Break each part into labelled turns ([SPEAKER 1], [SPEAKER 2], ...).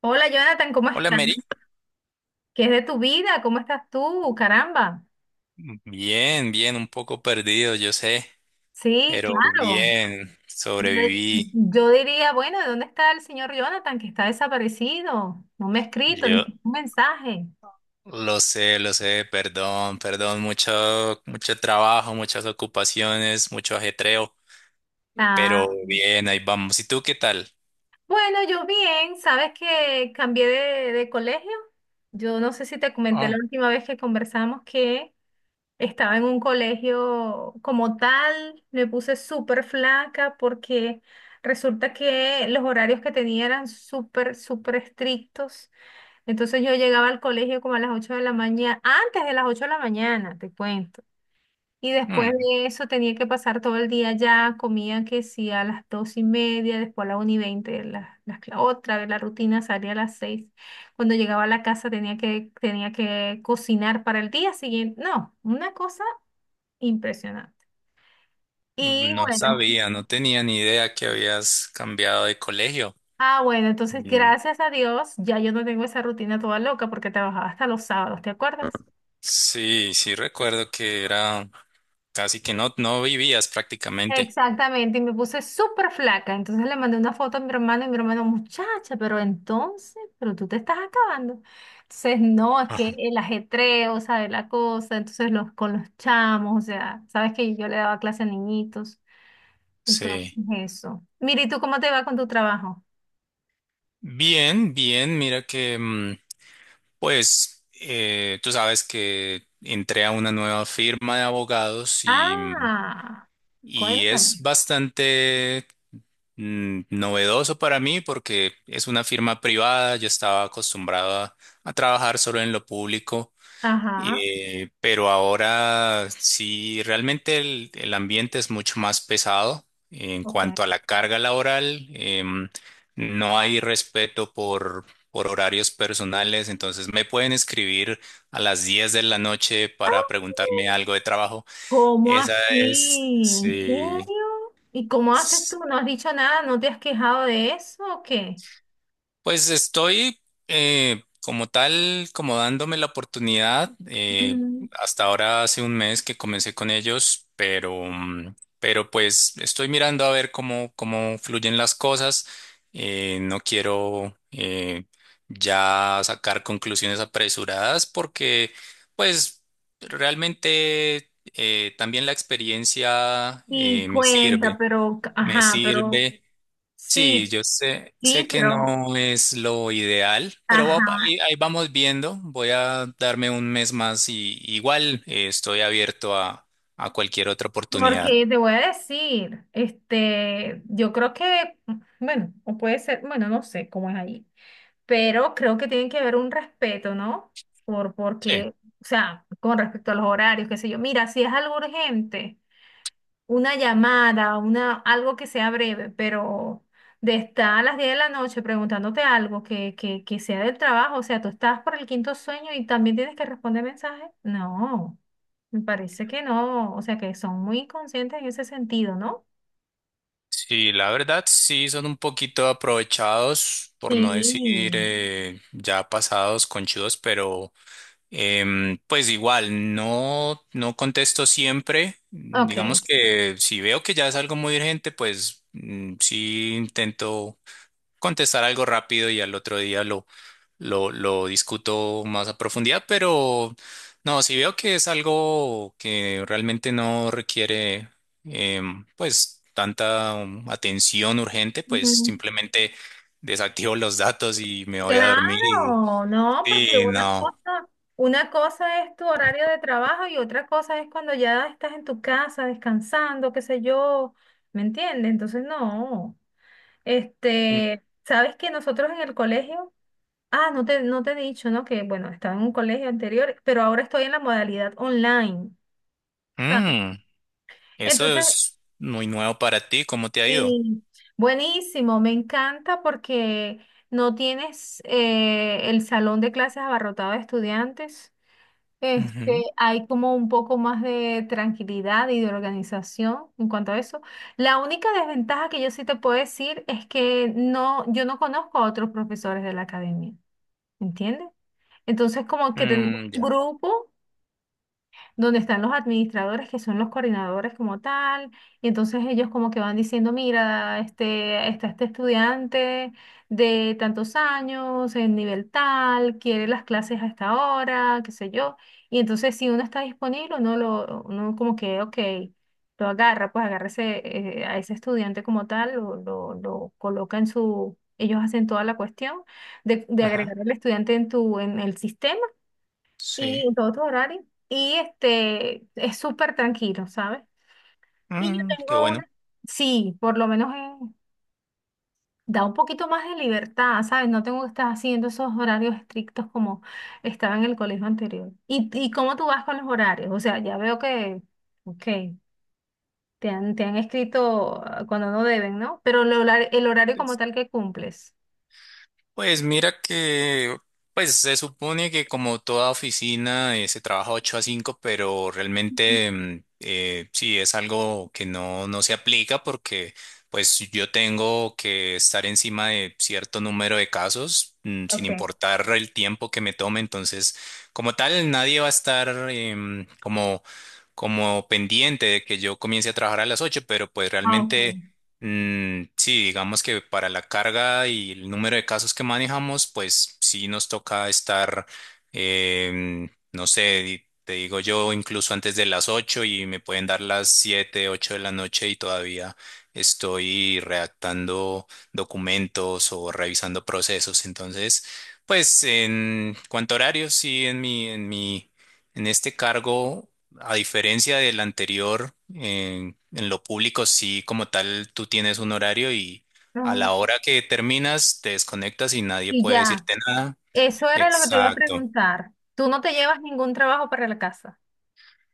[SPEAKER 1] Hola Jonathan, ¿cómo
[SPEAKER 2] Hola,
[SPEAKER 1] estás?
[SPEAKER 2] Mary.
[SPEAKER 1] ¿Qué es de tu vida? ¿Cómo estás tú? Caramba.
[SPEAKER 2] Bien, bien, un poco perdido, yo sé,
[SPEAKER 1] Sí,
[SPEAKER 2] pero
[SPEAKER 1] claro.
[SPEAKER 2] bien,
[SPEAKER 1] Yo,
[SPEAKER 2] sobreviví.
[SPEAKER 1] yo diría, bueno, ¿de dónde está el señor Jonathan que está desaparecido? No me ha escrito ni
[SPEAKER 2] Yo
[SPEAKER 1] siquiera un mensaje.
[SPEAKER 2] lo sé, perdón, perdón, mucho, mucho trabajo, muchas ocupaciones, mucho ajetreo, pero
[SPEAKER 1] Ah,
[SPEAKER 2] bien, ahí vamos. ¿Y tú qué tal?
[SPEAKER 1] bueno, yo bien, ¿sabes que cambié de colegio? Yo no sé si te comenté la
[SPEAKER 2] Oh,
[SPEAKER 1] última vez que conversamos que. Estaba en un colegio como tal, me puse súper flaca porque resulta que los horarios que tenía eran súper, súper estrictos. Entonces yo llegaba al colegio como a las 8 de la mañana, antes de las 8 de la mañana, te cuento. Y después
[SPEAKER 2] hmm,
[SPEAKER 1] de eso tenía que pasar todo el día ya, comía que sí a las 2 y media, después a la 1 y veinte, otra vez la rutina salía a las 6. Cuando llegaba a la casa tenía que cocinar para el día siguiente. No, una cosa impresionante. Y
[SPEAKER 2] no
[SPEAKER 1] bueno,
[SPEAKER 2] sabía, no tenía ni idea que habías cambiado de colegio.
[SPEAKER 1] bueno, entonces
[SPEAKER 2] Mm,
[SPEAKER 1] gracias a Dios, ya yo no tengo esa rutina toda loca porque trabajaba hasta los sábados, ¿te acuerdas?
[SPEAKER 2] sí, sí recuerdo que era casi que no, no vivías prácticamente.
[SPEAKER 1] Exactamente, y me puse súper flaca. Entonces le mandé una foto a mi hermano y mi hermano, muchacha, pero entonces, pero tú te estás acabando. Entonces, no, es que
[SPEAKER 2] Ajá.
[SPEAKER 1] el ajetreo, ¿sabes? La cosa, entonces los con los chamos, o sea, sabes que yo le daba clase a niñitos. Entonces,
[SPEAKER 2] Sí.
[SPEAKER 1] eso. Mira, ¿y tú cómo te va con tu trabajo?
[SPEAKER 2] Bien, bien, mira que pues tú sabes que entré a una nueva firma de abogados y, mm,
[SPEAKER 1] Ah,
[SPEAKER 2] y
[SPEAKER 1] cuéntame.
[SPEAKER 2] es bastante, novedoso para mí porque es una firma privada, yo estaba acostumbrado a trabajar solo en lo público,
[SPEAKER 1] Ajá.
[SPEAKER 2] pero ahora sí, realmente el ambiente es mucho más pesado en
[SPEAKER 1] Ok. ¡Ah!
[SPEAKER 2] cuanto a la carga laboral. No hay respeto por horarios personales, entonces me pueden escribir a las 10 de la noche para preguntarme algo de trabajo.
[SPEAKER 1] ¿Cómo
[SPEAKER 2] Esa es,
[SPEAKER 1] así? ¿En
[SPEAKER 2] sí.
[SPEAKER 1] serio? ¿Y cómo haces tú? ¿No has dicho nada? ¿No te has quejado de eso o qué?
[SPEAKER 2] Pues estoy, como tal, como dándome la oportunidad. eh,
[SPEAKER 1] Mm,
[SPEAKER 2] hasta ahora hace un mes que comencé con ellos, pero pues estoy mirando a ver cómo fluyen las cosas. No quiero, ya sacar conclusiones apresuradas, porque pues realmente, también la experiencia,
[SPEAKER 1] sí,
[SPEAKER 2] me
[SPEAKER 1] cuenta,
[SPEAKER 2] sirve,
[SPEAKER 1] pero,
[SPEAKER 2] me
[SPEAKER 1] ajá, pero
[SPEAKER 2] sirve. Sí,
[SPEAKER 1] sí,
[SPEAKER 2] yo sé
[SPEAKER 1] sí,
[SPEAKER 2] que
[SPEAKER 1] pero,
[SPEAKER 2] no es lo ideal, pero
[SPEAKER 1] ajá,
[SPEAKER 2] ahí, vamos viendo. Voy a darme un mes más, y igual, estoy abierto a cualquier otra oportunidad.
[SPEAKER 1] porque te voy a decir, este, yo creo que, bueno, o puede ser, bueno, no sé cómo es ahí, pero creo que tiene que haber un respeto, ¿no? Por,
[SPEAKER 2] Sí,
[SPEAKER 1] porque, o sea, con respecto a los horarios, qué sé yo, mira, si es algo urgente. Una llamada, una, algo que sea breve, pero de estar a las 10 de la noche preguntándote algo que sea del trabajo, o sea, tú estás por el quinto sueño y también tienes que responder mensajes. No, me parece que no, o sea, que son muy inconscientes en ese sentido, ¿no?
[SPEAKER 2] sí, la verdad sí son un poquito aprovechados, por no decir,
[SPEAKER 1] Sí,
[SPEAKER 2] ya pasados, conchudos, pero pues igual no, no contesto siempre. Digamos
[SPEAKER 1] ok.
[SPEAKER 2] que si veo que ya es algo muy urgente, pues sí intento contestar algo rápido y al otro día lo discuto más a profundidad, pero no, si veo que es algo que realmente no requiere, pues tanta, atención urgente, pues simplemente desactivo los datos y me voy a dormir, y,
[SPEAKER 1] Claro, no, porque
[SPEAKER 2] y
[SPEAKER 1] una
[SPEAKER 2] no.
[SPEAKER 1] cosa, una cosa es tu horario de trabajo y otra cosa es cuando ya estás en tu casa descansando, qué sé yo, ¿me entiendes? Entonces, no.
[SPEAKER 2] Mm,
[SPEAKER 1] Este, sabes que nosotros en el colegio, ah, no te he dicho, ¿no? Que bueno, estaba en un colegio anterior, pero ahora estoy en la modalidad online, ¿sabes?
[SPEAKER 2] mm, eso
[SPEAKER 1] Entonces,
[SPEAKER 2] es muy nuevo para ti, ¿cómo te ha ido?
[SPEAKER 1] y buenísimo, me encanta porque no tienes el salón de clases abarrotado de estudiantes. Este,
[SPEAKER 2] Ujú.
[SPEAKER 1] hay como un poco más de tranquilidad y de organización en cuanto a eso. La única desventaja que yo sí te puedo decir es que no, yo no conozco a otros profesores de la academia, ¿entiendes? Entonces, como que tenemos
[SPEAKER 2] Mm,
[SPEAKER 1] un
[SPEAKER 2] ya.
[SPEAKER 1] grupo donde están los administradores que son los coordinadores como tal, y entonces ellos como que van diciendo, mira, este, está este estudiante de tantos años, en nivel tal, quiere las clases a esta hora, qué sé yo, y entonces si uno está disponible, uno lo, uno como que, ok, lo agarra, pues agarra ese, a ese estudiante como tal, lo coloca en su, ellos hacen toda la cuestión de
[SPEAKER 2] Ajá.
[SPEAKER 1] agregar al estudiante en tu, en el sistema
[SPEAKER 2] Sí.
[SPEAKER 1] y en todos tus horarios. Y este, es súper tranquilo, ¿sabes? Y yo
[SPEAKER 2] Qué
[SPEAKER 1] tengo
[SPEAKER 2] bueno.
[SPEAKER 1] una, sí, por lo menos da un poquito más de libertad, ¿sabes? No tengo que estar haciendo esos horarios estrictos como estaba en el colegio anterior. ¿Y cómo tú vas con los horarios? O sea, ya veo que, ok, te han escrito cuando no deben, ¿no? Pero el horario como tal que cumples.
[SPEAKER 2] Pues mira que se supone que como toda oficina, se trabaja 8 a 5, pero realmente, sí es algo que no, no se aplica porque pues yo tengo que estar encima de cierto número de casos, sin
[SPEAKER 1] Ok.
[SPEAKER 2] importar el tiempo que me tome. Entonces, como tal, nadie va a estar, como pendiente de que yo comience a trabajar a las 8, pero pues
[SPEAKER 1] Ah, ok.
[SPEAKER 2] realmente. Mm, sí, digamos que para la carga y el número de casos que manejamos, pues sí nos toca estar, no sé, te digo yo, incluso antes de las 8 y me pueden dar las 7, 8 de la noche, y todavía estoy redactando documentos o revisando procesos. Entonces, pues en cuanto a horarios, sí, en este cargo. A diferencia del anterior, en lo público sí, como tal, tú tienes un horario y a
[SPEAKER 1] Ajá.
[SPEAKER 2] la hora que terminas te desconectas y nadie
[SPEAKER 1] Y
[SPEAKER 2] puede
[SPEAKER 1] ya.
[SPEAKER 2] decirte nada.
[SPEAKER 1] Eso era lo que te iba a
[SPEAKER 2] Exacto.
[SPEAKER 1] preguntar. Tú no te llevas ningún trabajo para la casa,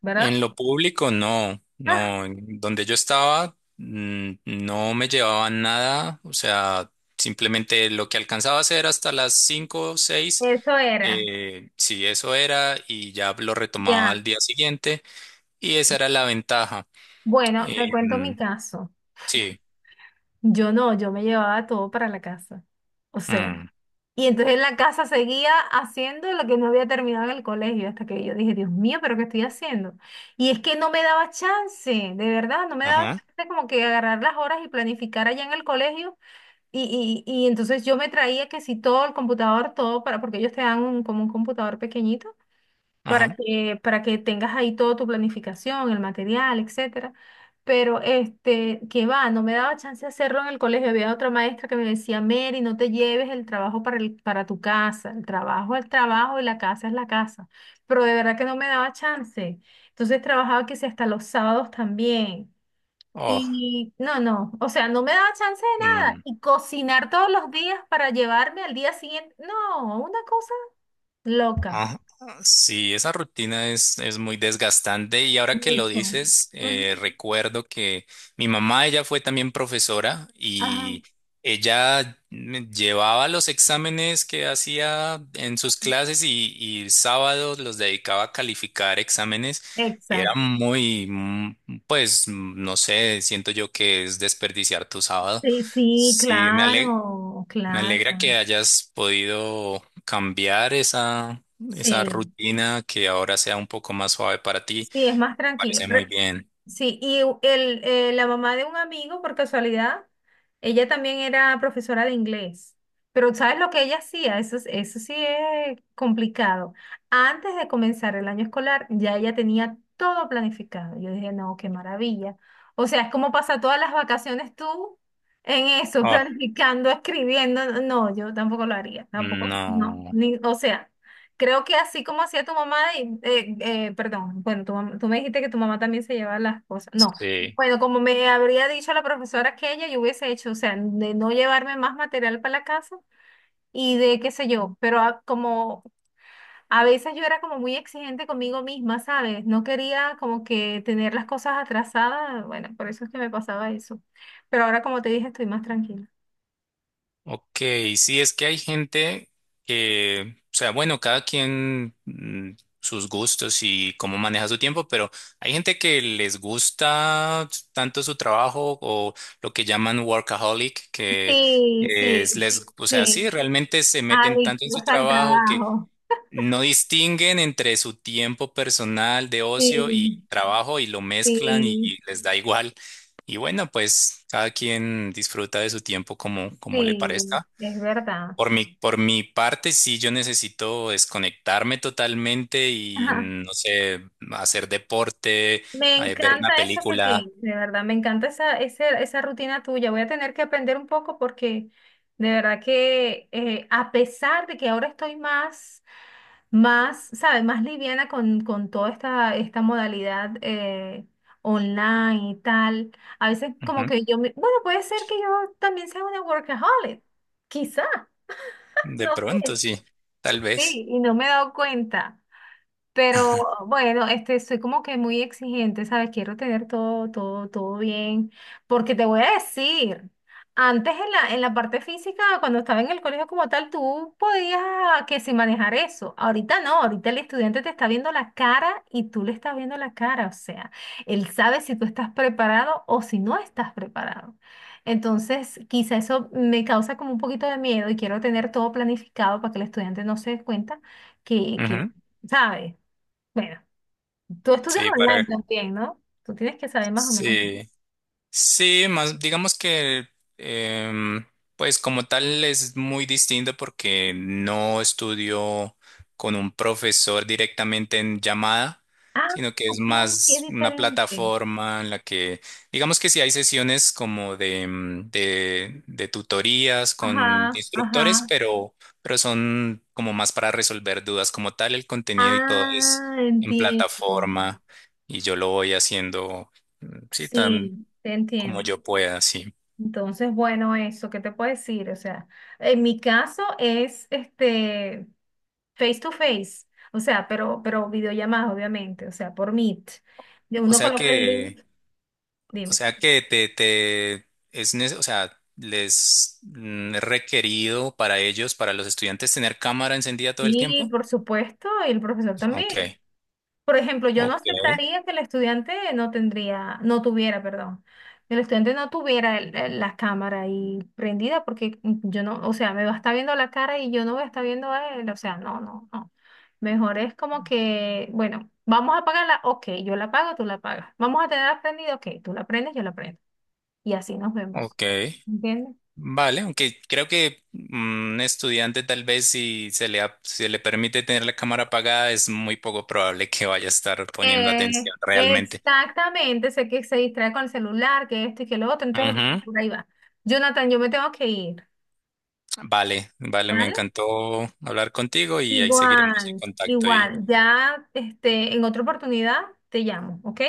[SPEAKER 1] ¿verdad?
[SPEAKER 2] En lo público no,
[SPEAKER 1] Ah,
[SPEAKER 2] no. En donde yo estaba, no me llevaban nada, o sea, simplemente lo que alcanzaba a hacer hasta las 5 o 6,
[SPEAKER 1] eso era.
[SPEAKER 2] sí, eso era y ya lo retomaba
[SPEAKER 1] Ya.
[SPEAKER 2] al día siguiente, y esa era la ventaja.
[SPEAKER 1] Bueno, te cuento mi
[SPEAKER 2] Em,
[SPEAKER 1] caso.
[SPEAKER 2] sí.
[SPEAKER 1] Yo no, yo me llevaba todo para la casa. O sea,
[SPEAKER 2] Mm.
[SPEAKER 1] y entonces en la casa seguía haciendo lo que no había terminado en el colegio hasta que yo dije, Dios mío, pero ¿qué estoy haciendo? Y es que no me daba chance, de verdad, no me daba
[SPEAKER 2] Ajá,
[SPEAKER 1] chance como que agarrar las horas y planificar allá en el colegio. Y entonces yo me traía que si todo el computador, todo para, porque ellos te dan como un computador pequeñito
[SPEAKER 2] ajá.
[SPEAKER 1] para que tengas ahí toda tu planificación, el material, etcétera. Pero este, que va, no me daba chance de hacerlo en el colegio. Había otra maestra que me decía, Mary, no te lleves el trabajo para el, para tu casa. El trabajo es el trabajo y la casa es la casa. Pero de verdad que no me daba chance. Entonces trabajaba que si hasta los sábados también.
[SPEAKER 2] Oh,
[SPEAKER 1] Y no, no, o sea, no me daba chance de nada.
[SPEAKER 2] mm,
[SPEAKER 1] Y cocinar todos los días para llevarme al día siguiente, no, una cosa loca.
[SPEAKER 2] ah, sí, esa rutina es muy desgastante, y ahora que lo
[SPEAKER 1] Mucho.
[SPEAKER 2] dices,
[SPEAKER 1] Ujú.
[SPEAKER 2] recuerdo que mi mamá, ella fue también profesora
[SPEAKER 1] Ajá,
[SPEAKER 2] y ella me llevaba los exámenes que hacía en sus clases, y sábados los dedicaba a calificar exámenes, y era
[SPEAKER 1] exacto.
[SPEAKER 2] muy, pues, no sé, siento yo que es desperdiciar tu sábado.
[SPEAKER 1] Sí, sí,
[SPEAKER 2] Sí, me alegro.
[SPEAKER 1] claro,
[SPEAKER 2] Me
[SPEAKER 1] claro.
[SPEAKER 2] alegra que hayas podido cambiar esa
[SPEAKER 1] Sí,
[SPEAKER 2] rutina, que ahora sea un poco más suave para ti.
[SPEAKER 1] sí, es más tranquilo.
[SPEAKER 2] Parece muy bien.
[SPEAKER 1] Sí, y la mamá de un amigo, por casualidad, ella también era profesora de inglés. Pero ¿sabes lo que ella hacía? Eso, eso sí es complicado. Antes de comenzar el año escolar, ya ella tenía todo planificado. Yo dije, no, qué maravilla. O sea, es como pasar todas las vacaciones tú en eso,
[SPEAKER 2] Ah,
[SPEAKER 1] planificando, escribiendo. No, yo tampoco lo haría, tampoco, no.
[SPEAKER 2] no.
[SPEAKER 1] Ni, o sea. Creo que así como hacía tu mamá, perdón, bueno, tú me dijiste que tu mamá también se llevaba las cosas. No,
[SPEAKER 2] Sí.
[SPEAKER 1] bueno, como me habría dicho la profesora que ella, yo hubiese hecho, o sea, de no llevarme más material para la casa y de qué sé yo, pero como a veces yo era como muy exigente conmigo misma, ¿sabes? No quería como que tener las cosas atrasadas, bueno, por eso es que me pasaba eso. Pero ahora, como te dije, estoy más tranquila.
[SPEAKER 2] Ok, sí, es que hay gente que, o sea, bueno, cada quien, sus gustos y cómo maneja su tiempo, pero hay gente que les gusta tanto su trabajo o lo que llaman workaholic, que
[SPEAKER 1] Sí, sí,
[SPEAKER 2] es, les, o sea, sí,
[SPEAKER 1] sí.
[SPEAKER 2] realmente se meten tanto en su
[SPEAKER 1] Adictos al
[SPEAKER 2] trabajo que
[SPEAKER 1] trabajo.
[SPEAKER 2] no distinguen entre su tiempo personal de ocio y
[SPEAKER 1] Sí,
[SPEAKER 2] trabajo, y lo mezclan, y,
[SPEAKER 1] sí.
[SPEAKER 2] y les da igual. Y bueno, pues cada quien disfruta de su tiempo, como le
[SPEAKER 1] Sí,
[SPEAKER 2] parezca.
[SPEAKER 1] es verdad.
[SPEAKER 2] Por mi parte, sí, yo necesito desconectarme totalmente y,
[SPEAKER 1] Ajá.
[SPEAKER 2] no sé, hacer deporte,
[SPEAKER 1] Me
[SPEAKER 2] ver una
[SPEAKER 1] encanta eso que
[SPEAKER 2] película.
[SPEAKER 1] tienes, de verdad, me encanta esa rutina tuya. Voy a tener que aprender un poco porque de verdad que a pesar de que ahora estoy más, ¿sabes? Más liviana con toda esta modalidad online y tal, a veces como
[SPEAKER 2] Ujú.
[SPEAKER 1] que yo, me, bueno, puede ser que yo también sea una workaholic, quizá,
[SPEAKER 2] De
[SPEAKER 1] no
[SPEAKER 2] pronto,
[SPEAKER 1] sé,
[SPEAKER 2] sí, tal vez.
[SPEAKER 1] sí, y no me he dado cuenta. Pero bueno, este, soy como que muy exigente, ¿sabes? Quiero tener todo, todo, todo bien. Porque te voy a decir, antes en la parte física, cuando estaba en el colegio como tal, tú podías que si manejar eso. Ahorita no, ahorita el estudiante te está viendo la cara y tú le estás viendo la cara. O sea, él sabe si tú estás preparado o si no estás preparado. Entonces, quizá eso me causa como un poquito de miedo y quiero tener todo planificado para que el estudiante no se dé cuenta que
[SPEAKER 2] Ujú.
[SPEAKER 1] ¿sabes? Bueno, tú estudias
[SPEAKER 2] Sí.
[SPEAKER 1] online también, ¿no? Tú tienes que saber más o menos.
[SPEAKER 2] Sí. Sí, más digamos que, em, pues como tal es muy distinto porque no estudio con un profesor directamente en llamada,
[SPEAKER 1] Ah,
[SPEAKER 2] sino que es
[SPEAKER 1] ok, es
[SPEAKER 2] más una
[SPEAKER 1] diferente.
[SPEAKER 2] plataforma en la que digamos que sí hay sesiones como de tutorías con
[SPEAKER 1] Ajá,
[SPEAKER 2] instructores,
[SPEAKER 1] ajá.
[SPEAKER 2] pero son como más para resolver dudas como tal. El contenido y todo es
[SPEAKER 1] Ah,
[SPEAKER 2] en
[SPEAKER 1] entiendo.
[SPEAKER 2] plataforma, y yo lo voy haciendo. Mm, sí,
[SPEAKER 1] Sí, te
[SPEAKER 2] como
[SPEAKER 1] entiendo.
[SPEAKER 2] yo pueda, sí.
[SPEAKER 1] Entonces, bueno, eso, ¿qué te puedo decir? O sea, en mi caso es este face to face, o sea, pero videollamadas, obviamente, o sea, por Meet. Y
[SPEAKER 2] O
[SPEAKER 1] uno
[SPEAKER 2] sea
[SPEAKER 1] coloca el
[SPEAKER 2] que,
[SPEAKER 1] link,
[SPEAKER 2] o
[SPEAKER 1] dime.
[SPEAKER 2] sea que te es, o sea, les es requerido para ellos, para los estudiantes, tener cámara encendida todo el
[SPEAKER 1] Y
[SPEAKER 2] tiempo.
[SPEAKER 1] por supuesto, y el profesor también.
[SPEAKER 2] Ok,
[SPEAKER 1] Por ejemplo, yo no
[SPEAKER 2] ok,
[SPEAKER 1] aceptaría que el estudiante no tendría, no tuviera, perdón, que el estudiante no tuviera la cámara ahí prendida porque yo no, o sea, me va a estar viendo la cara y yo no voy a estar viendo a él, o sea, no, no, no. Mejor es como que, bueno, vamos a apagarla, ok, yo la apago, tú la apagas. Vamos a tenerla prendida, ok, tú la prendes, yo la prendo. Y así nos vemos.
[SPEAKER 2] ok.
[SPEAKER 1] ¿Entiendes?
[SPEAKER 2] Vale, aunque creo que, un estudiante, tal vez si se le permite tener la cámara apagada, es muy poco probable que vaya a estar poniendo
[SPEAKER 1] Eh,
[SPEAKER 2] atención realmente.
[SPEAKER 1] exactamente, sé que se distrae con el celular, que esto y que lo otro, entonces
[SPEAKER 2] Ujú.
[SPEAKER 1] por ahí va. Jonathan, yo me tengo que ir.
[SPEAKER 2] Vale, vale, me
[SPEAKER 1] ¿Vale?
[SPEAKER 2] encantó hablar contigo y ahí seguiremos en
[SPEAKER 1] Igual,
[SPEAKER 2] contacto.
[SPEAKER 1] igual. Ya, este, en otra oportunidad te llamo, ¿ok?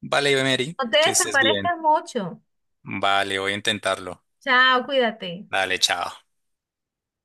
[SPEAKER 2] Vale, Mary,
[SPEAKER 1] No te
[SPEAKER 2] que estés bien.
[SPEAKER 1] desaparezcas mucho.
[SPEAKER 2] Vale, voy a intentarlo.
[SPEAKER 1] Chao, cuídate.
[SPEAKER 2] Dale, chao.